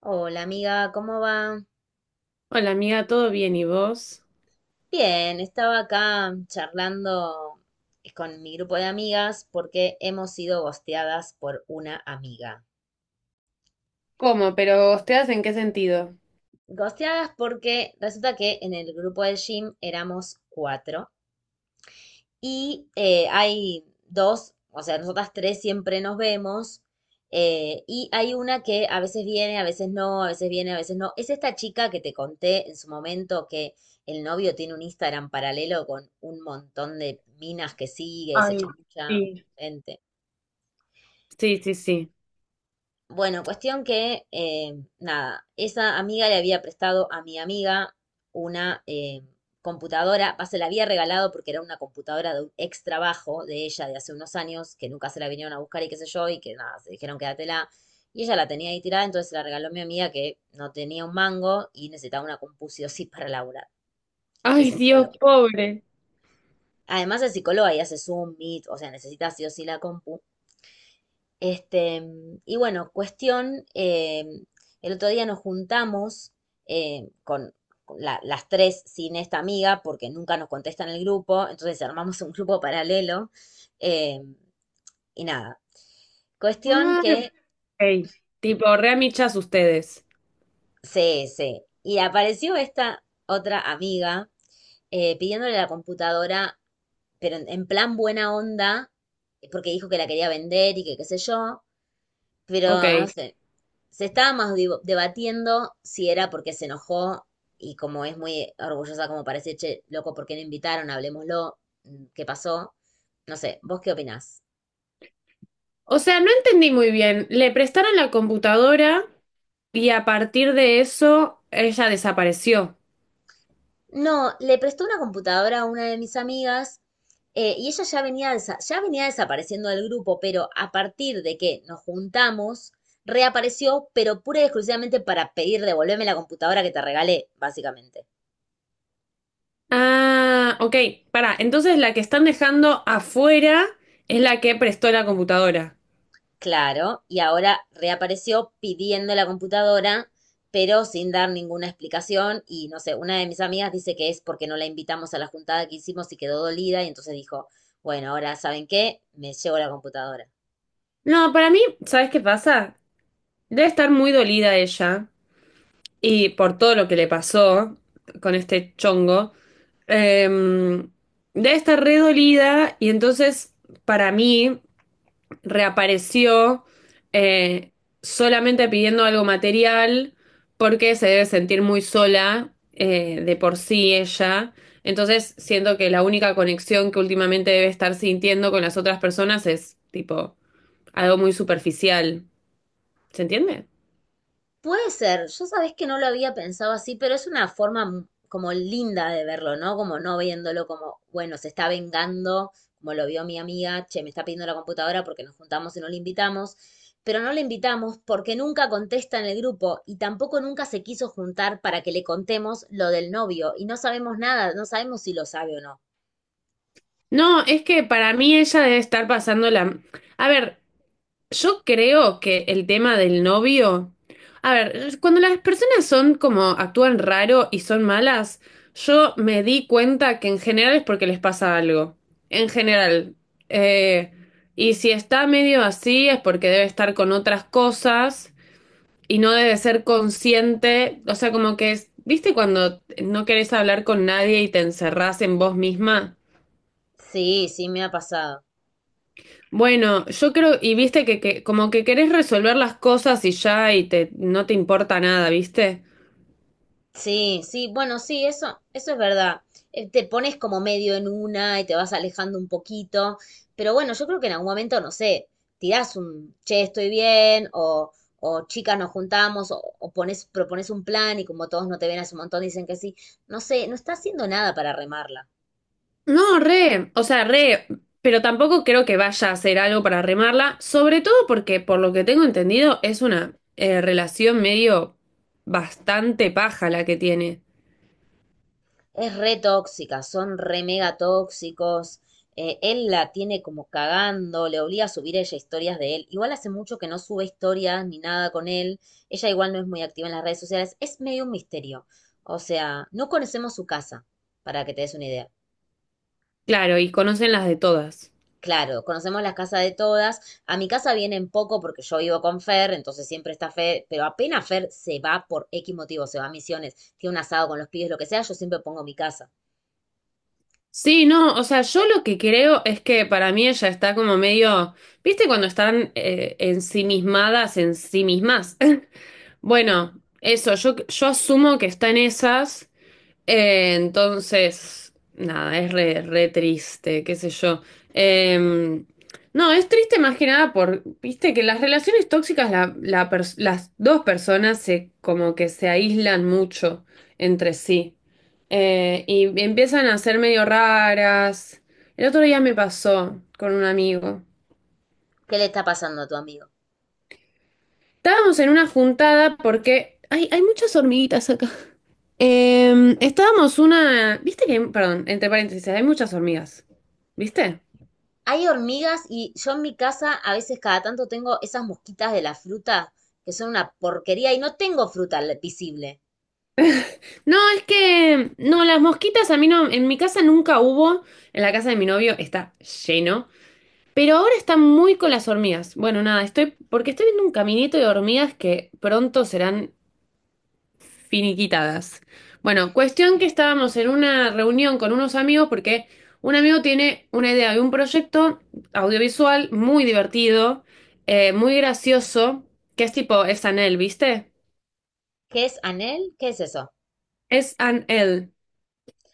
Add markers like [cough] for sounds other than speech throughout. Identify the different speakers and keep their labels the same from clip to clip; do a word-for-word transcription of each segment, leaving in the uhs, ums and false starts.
Speaker 1: Hola amiga, ¿cómo va?
Speaker 2: Hola amiga, ¿todo bien y vos?
Speaker 1: Bien, estaba acá charlando con mi grupo de amigas porque hemos sido gosteadas por una amiga.
Speaker 2: ¿Cómo? ¿Pero ustedes en qué sentido?
Speaker 1: Gosteadas porque resulta que en el grupo de gym éramos cuatro y eh, hay dos, o sea, nosotras tres siempre nos vemos. Eh, y hay una que a veces viene, a veces no, a veces viene, a veces no. Es esta chica que te conté en su momento que el novio tiene un Instagram paralelo con un montón de minas que sigue y se
Speaker 2: Ay,
Speaker 1: chamulla
Speaker 2: sí.
Speaker 1: gente.
Speaker 2: Sí, sí, sí.
Speaker 1: Bueno, cuestión que, eh, nada, esa amiga le había prestado a mi amiga una eh, computadora, va, se la había regalado porque era una computadora de un ex trabajo de ella de hace unos años, que nunca se la vinieron a buscar y qué sé yo, y que nada, se dijeron quédatela. Y ella la tenía ahí tirada, entonces se la regaló a mi amiga que no tenía un mango y necesitaba una compu sí o sí para laburar. Es
Speaker 2: Ay, Dios,
Speaker 1: psicóloga.
Speaker 2: pobre.
Speaker 1: Además es psicóloga y hace Zoom, Meet, o sea, necesita sí o sí la compu. Este, y bueno, cuestión, eh, el otro día nos juntamos eh, con con la- las tres sin esta amiga porque nunca nos contesta en el grupo, entonces armamos un grupo paralelo eh, y nada. Cuestión
Speaker 2: Ay,
Speaker 1: que
Speaker 2: ok. Tipo, re amichas ustedes.
Speaker 1: se, se, y apareció esta otra amiga eh, pidiéndole la computadora, pero en, en plan buena onda, porque dijo que la quería vender y que qué sé yo. Pero no
Speaker 2: Ok.
Speaker 1: sé, se estaba más divo- debatiendo si era porque se enojó y como es muy orgullosa como parece, che, loco, ¿por qué no invitaron? Hablemoslo, mm, ¿qué pasó? No sé, ¿vos qué opinás?
Speaker 2: O sea, no entendí muy bien. Le prestaron la computadora y a partir de eso ella desapareció.
Speaker 1: No, le prestó una computadora a una de mis amigas eh, y ella ya venía, desa- ya venía desapareciendo del grupo, pero a partir de que nos juntamos, reapareció, pero pura y exclusivamente para pedir devolverme la computadora que te regalé, básicamente.
Speaker 2: Ah, ok. Pará, entonces la que están dejando afuera es la que prestó la computadora.
Speaker 1: Claro, y ahora reapareció pidiendo la computadora, pero sin dar ninguna explicación. Y no sé, una de mis amigas dice que es porque no la invitamos a la juntada que hicimos y quedó dolida. Y entonces dijo, bueno, ahora ¿saben qué? Me llevo la computadora.
Speaker 2: No, para mí, ¿sabes qué pasa? Debe estar muy dolida ella. Y por todo lo que le pasó con este chongo, eh, debe estar re dolida y entonces para mí reapareció eh, solamente pidiendo algo material porque se debe sentir muy sola, eh, de por sí ella. Entonces siento que la única conexión que últimamente debe estar sintiendo con las otras personas es tipo algo muy superficial. ¿Se entiende?
Speaker 1: Puede ser, yo sabés que no lo había pensado así, pero es una forma m- como linda de verlo, ¿no? Como no viéndolo como, bueno, se está vengando, como lo vio mi amiga, che, me está pidiendo la computadora porque nos juntamos y no le invitamos, pero no le invitamos porque nunca contesta en el grupo y tampoco nunca se quiso juntar para que le contemos lo del novio y no sabemos nada, no sabemos si lo sabe o no.
Speaker 2: No, es que para mí ella debe estar pasando la... A ver, yo creo que el tema del novio... A ver, cuando las personas son como actúan raro y son malas, yo me di cuenta que en general es porque les pasa algo. En general. Eh, y si está medio así es porque debe estar con otras cosas y no debe ser consciente. O sea, como que es... ¿Viste cuando no querés hablar con nadie y te encerrás en vos misma?
Speaker 1: Sí, sí, me ha pasado.
Speaker 2: Bueno, yo creo, y viste que, que como que querés resolver las cosas y ya y te no te importa nada, ¿viste?
Speaker 1: Sí, sí, bueno, sí, eso, eso es verdad. Eh, Te pones como medio en una y te vas alejando un poquito, pero bueno, yo creo que en algún momento, no sé, tirás un, che, estoy bien, o, o chicas nos juntamos, o, o pones, propones un plan y como todos no te ven hace un montón, dicen que sí. No sé, no está haciendo nada para remarla.
Speaker 2: No, re, o sea, re, pero tampoco creo que vaya a hacer algo para remarla, sobre todo porque por lo que tengo entendido es una eh, relación medio bastante paja la que tiene.
Speaker 1: Es re tóxica, son re mega tóxicos. Eh, él la tiene como cagando, le obliga a subir ella historias de él. Igual hace mucho que no sube historias ni nada con él. Ella igual no es muy activa en las redes sociales. Es medio un misterio. O sea, no conocemos su casa, para que te des una idea.
Speaker 2: Claro, y conocen las de todas.
Speaker 1: Claro, conocemos las casas de todas. A mi casa vienen poco porque yo vivo con Fer, entonces siempre está Fer, pero apenas Fer se va por X motivo, se va a misiones, tiene un asado con los pibes, lo que sea, yo siempre pongo mi casa.
Speaker 2: Sí, no, o sea, yo lo que creo es que para mí ella está como medio, ¿viste cuando están eh, ensimismadas en sí mismas? Bueno, eso, yo, yo asumo que está en esas, eh, entonces, nada, es re, re triste, qué sé yo. Eh, no, es triste más que nada por, viste, que las relaciones tóxicas, la- la pers- las dos personas se, como que se aíslan mucho entre sí. Eh, y empiezan a ser medio raras. El otro día me pasó con un amigo.
Speaker 1: ¿Qué le está pasando a tu amigo?
Speaker 2: Estábamos en una juntada porque hay, hay muchas hormiguitas acá. Em, estábamos una. ¿Viste que... Perdón, entre paréntesis, hay muchas hormigas. ¿Viste?
Speaker 1: Hay hormigas y yo en mi casa a veces cada tanto tengo esas mosquitas de la fruta que son una porquería y no tengo fruta le- visible.
Speaker 2: No, es que... No, las mosquitas a mí no. En mi casa nunca hubo. En la casa de mi novio está lleno. Pero ahora están muy con las hormigas. Bueno, nada, estoy... Porque estoy viendo un caminito de hormigas que pronto serán finiquitadas. Bueno, cuestión que estábamos en una reunión con unos amigos porque un amigo tiene una idea de un proyecto audiovisual muy divertido, eh, muy gracioso, que es tipo, es Anel, ¿viste?
Speaker 1: ¿Qué es anel? ¿Qué es eso?
Speaker 2: Es Anel,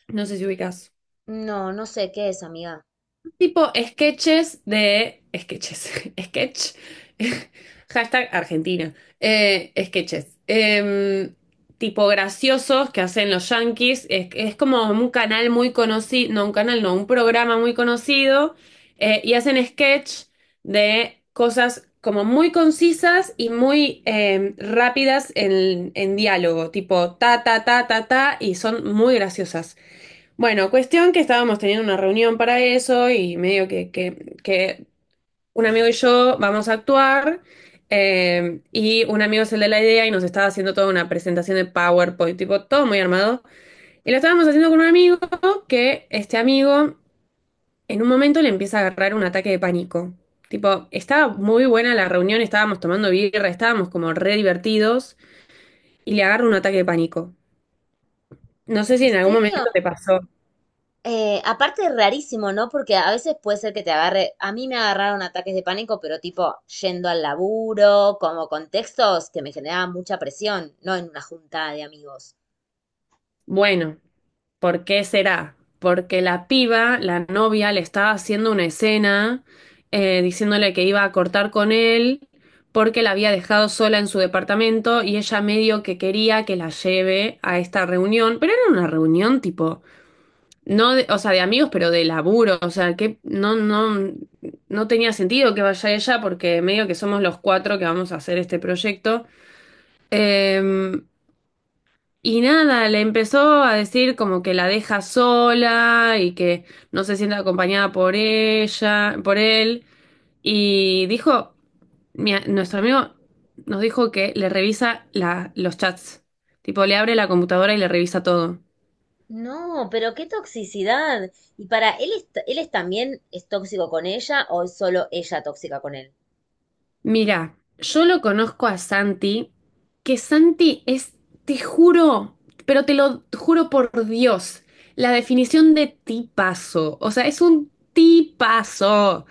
Speaker 2: no sé si ubicas.
Speaker 1: No, no sé qué es, amiga.
Speaker 2: Tipo sketches de... Sketches. [laughs] Sketch. [laughs] Hashtag Argentina. Eh, sketches. Em, tipo graciosos que hacen los Yankees. Es, es como un canal muy conocido. No, un canal, no, un programa muy conocido. Eh, y hacen sketch de cosas como muy concisas y muy em, rápidas en, en diálogo. Tipo ta, ta, ta, ta, ta. Y son muy graciosas. Bueno, cuestión que estábamos teniendo una reunión para eso y medio que, que, que un amigo y yo vamos a actuar, eh, y un amigo es el de la idea y nos estaba haciendo toda una presentación de PowerPoint, tipo todo muy armado. Y lo estábamos haciendo con un amigo que este amigo en un momento le empieza a agarrar un ataque de pánico. Tipo, estaba muy buena la reunión, estábamos tomando birra, estábamos como re divertidos y le agarra un ataque de pánico. No sé si
Speaker 1: ¿En
Speaker 2: en algún momento
Speaker 1: serio?
Speaker 2: te pasó.
Speaker 1: Eh, aparte es rarísimo, ¿no? Porque a veces puede ser que te agarre, a mí me agarraron ataques de pánico, pero tipo yendo al laburo, como contextos que me generaban mucha presión, no en una junta de amigos.
Speaker 2: Bueno. ¿Por qué será? Porque la piba, la novia, le estaba haciendo una escena, eh, diciéndole que iba a cortar con él porque la había dejado sola en su departamento y ella medio que quería que la lleve a esta reunión, pero era una reunión tipo, no de... o sea, de amigos, pero de laburo, o sea, que no, no, no tenía sentido que vaya ella porque medio que somos los cuatro que vamos a hacer este proyecto. Em, y nada, le empezó a decir como que la deja sola y que no se siente acompañada por ella, por él. Y dijo, mi nuestro amigo nos dijo que le revisa la, los chats. Tipo, le abre la computadora y le revisa todo.
Speaker 1: No, pero qué toxicidad. Y para él, es, él es también es tóxico con ella o es solo ella tóxica con él.
Speaker 2: Mira, yo lo conozco a Santi, que Santi es, te juro, pero te lo juro por Dios, la definición de tipazo. O sea, es un tipazo.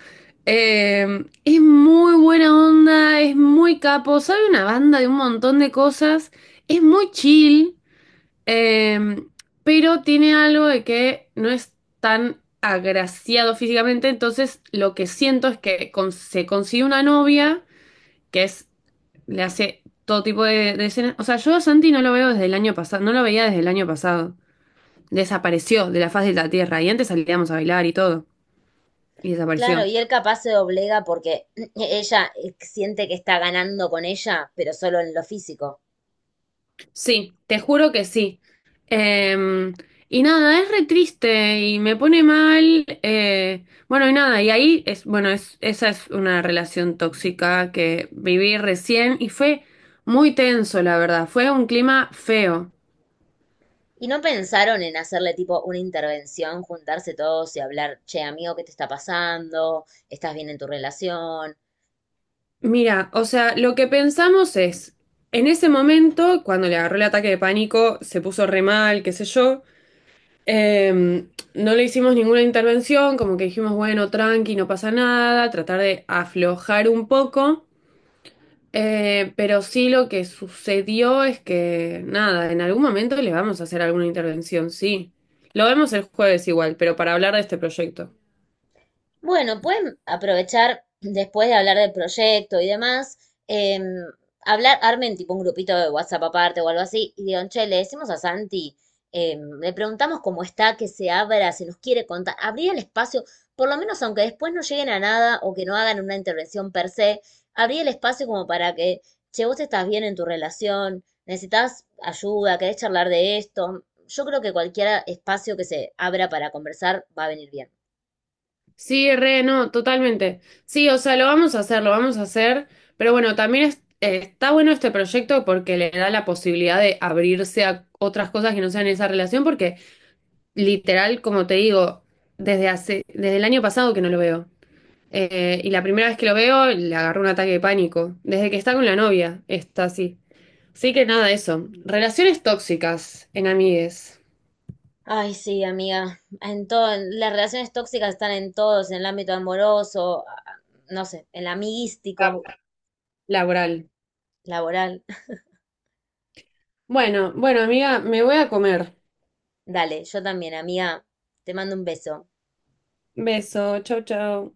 Speaker 2: Eh, es muy buena onda, es muy capo, sabe una banda de un montón de cosas, es muy chill, eh, pero tiene algo de que no es tan agraciado físicamente, entonces lo que siento es que con- se consigue una novia que es, le hace todo tipo de, de escenas. O sea, yo a Santi no lo veo desde el año pasado, no lo veía desde el año pasado. Desapareció de la faz de la tierra y antes salíamos a bailar y todo. Y
Speaker 1: Claro,
Speaker 2: desapareció.
Speaker 1: y él capaz se doblega porque [clears throat] ella eh, siente que está ganando con ella, pero solo en lo físico.
Speaker 2: Sí, te juro que sí. Eh, y nada, es re triste y me pone mal. Eh, bueno, y nada, y ahí es, bueno, es, esa es una relación tóxica que viví recién y fue muy tenso, la verdad. Fue un clima feo.
Speaker 1: ¿Y no pensaron en hacerle tipo una intervención, juntarse todos y hablar, che, amigo, ¿qué te está pasando? ¿Estás bien en tu relación?
Speaker 2: Mira, o sea, lo que pensamos es, en ese momento, cuando le agarró el ataque de pánico, se puso re mal, qué sé yo, eh, no le hicimos ninguna intervención, como que dijimos, bueno, tranqui, no pasa nada, tratar de aflojar un poco, eh, pero sí lo que sucedió es que, nada, en algún momento le vamos a hacer alguna intervención, sí. Lo vemos el jueves igual, pero para hablar de este proyecto.
Speaker 1: Bueno, pueden aprovechar, después de hablar del proyecto y demás, em, hablar, armen tipo un grupito de WhatsApp aparte o algo así, y digan, che, le decimos a Santi, em, le preguntamos cómo está, que se abra, si nos quiere contar, abrir el espacio, por lo menos aunque después no lleguen a nada o que no hagan una intervención per se, abrir el espacio como para que, che, vos estás bien en tu relación, necesitas ayuda, querés charlar de esto. Yo creo que cualquier espacio que se abra para conversar va a venir bien.
Speaker 2: Sí, re, no, totalmente. Sí, o sea, lo vamos a hacer, lo vamos a hacer, pero bueno, también es- eh, está bueno este proyecto porque le da la posibilidad de abrirse a otras cosas que no sean esa relación, porque literal, como te digo, desde hace, desde el año pasado que no lo veo. Eh, y la primera vez que lo veo, le agarró un ataque de pánico. Desde que está con la novia, está así. Así que nada, eso. Relaciones tóxicas en amigues.
Speaker 1: Ay, sí, amiga. En todo, las relaciones tóxicas están en todos, en el ámbito amoroso, a- a- no sé, en el amiguístico,
Speaker 2: Labu- Laboral.
Speaker 1: laboral. [laughs]
Speaker 2: Bueno, bueno, amiga, me voy a comer.
Speaker 1: Dale, yo también, amiga. Te mando un beso.
Speaker 2: Beso, chau, chau.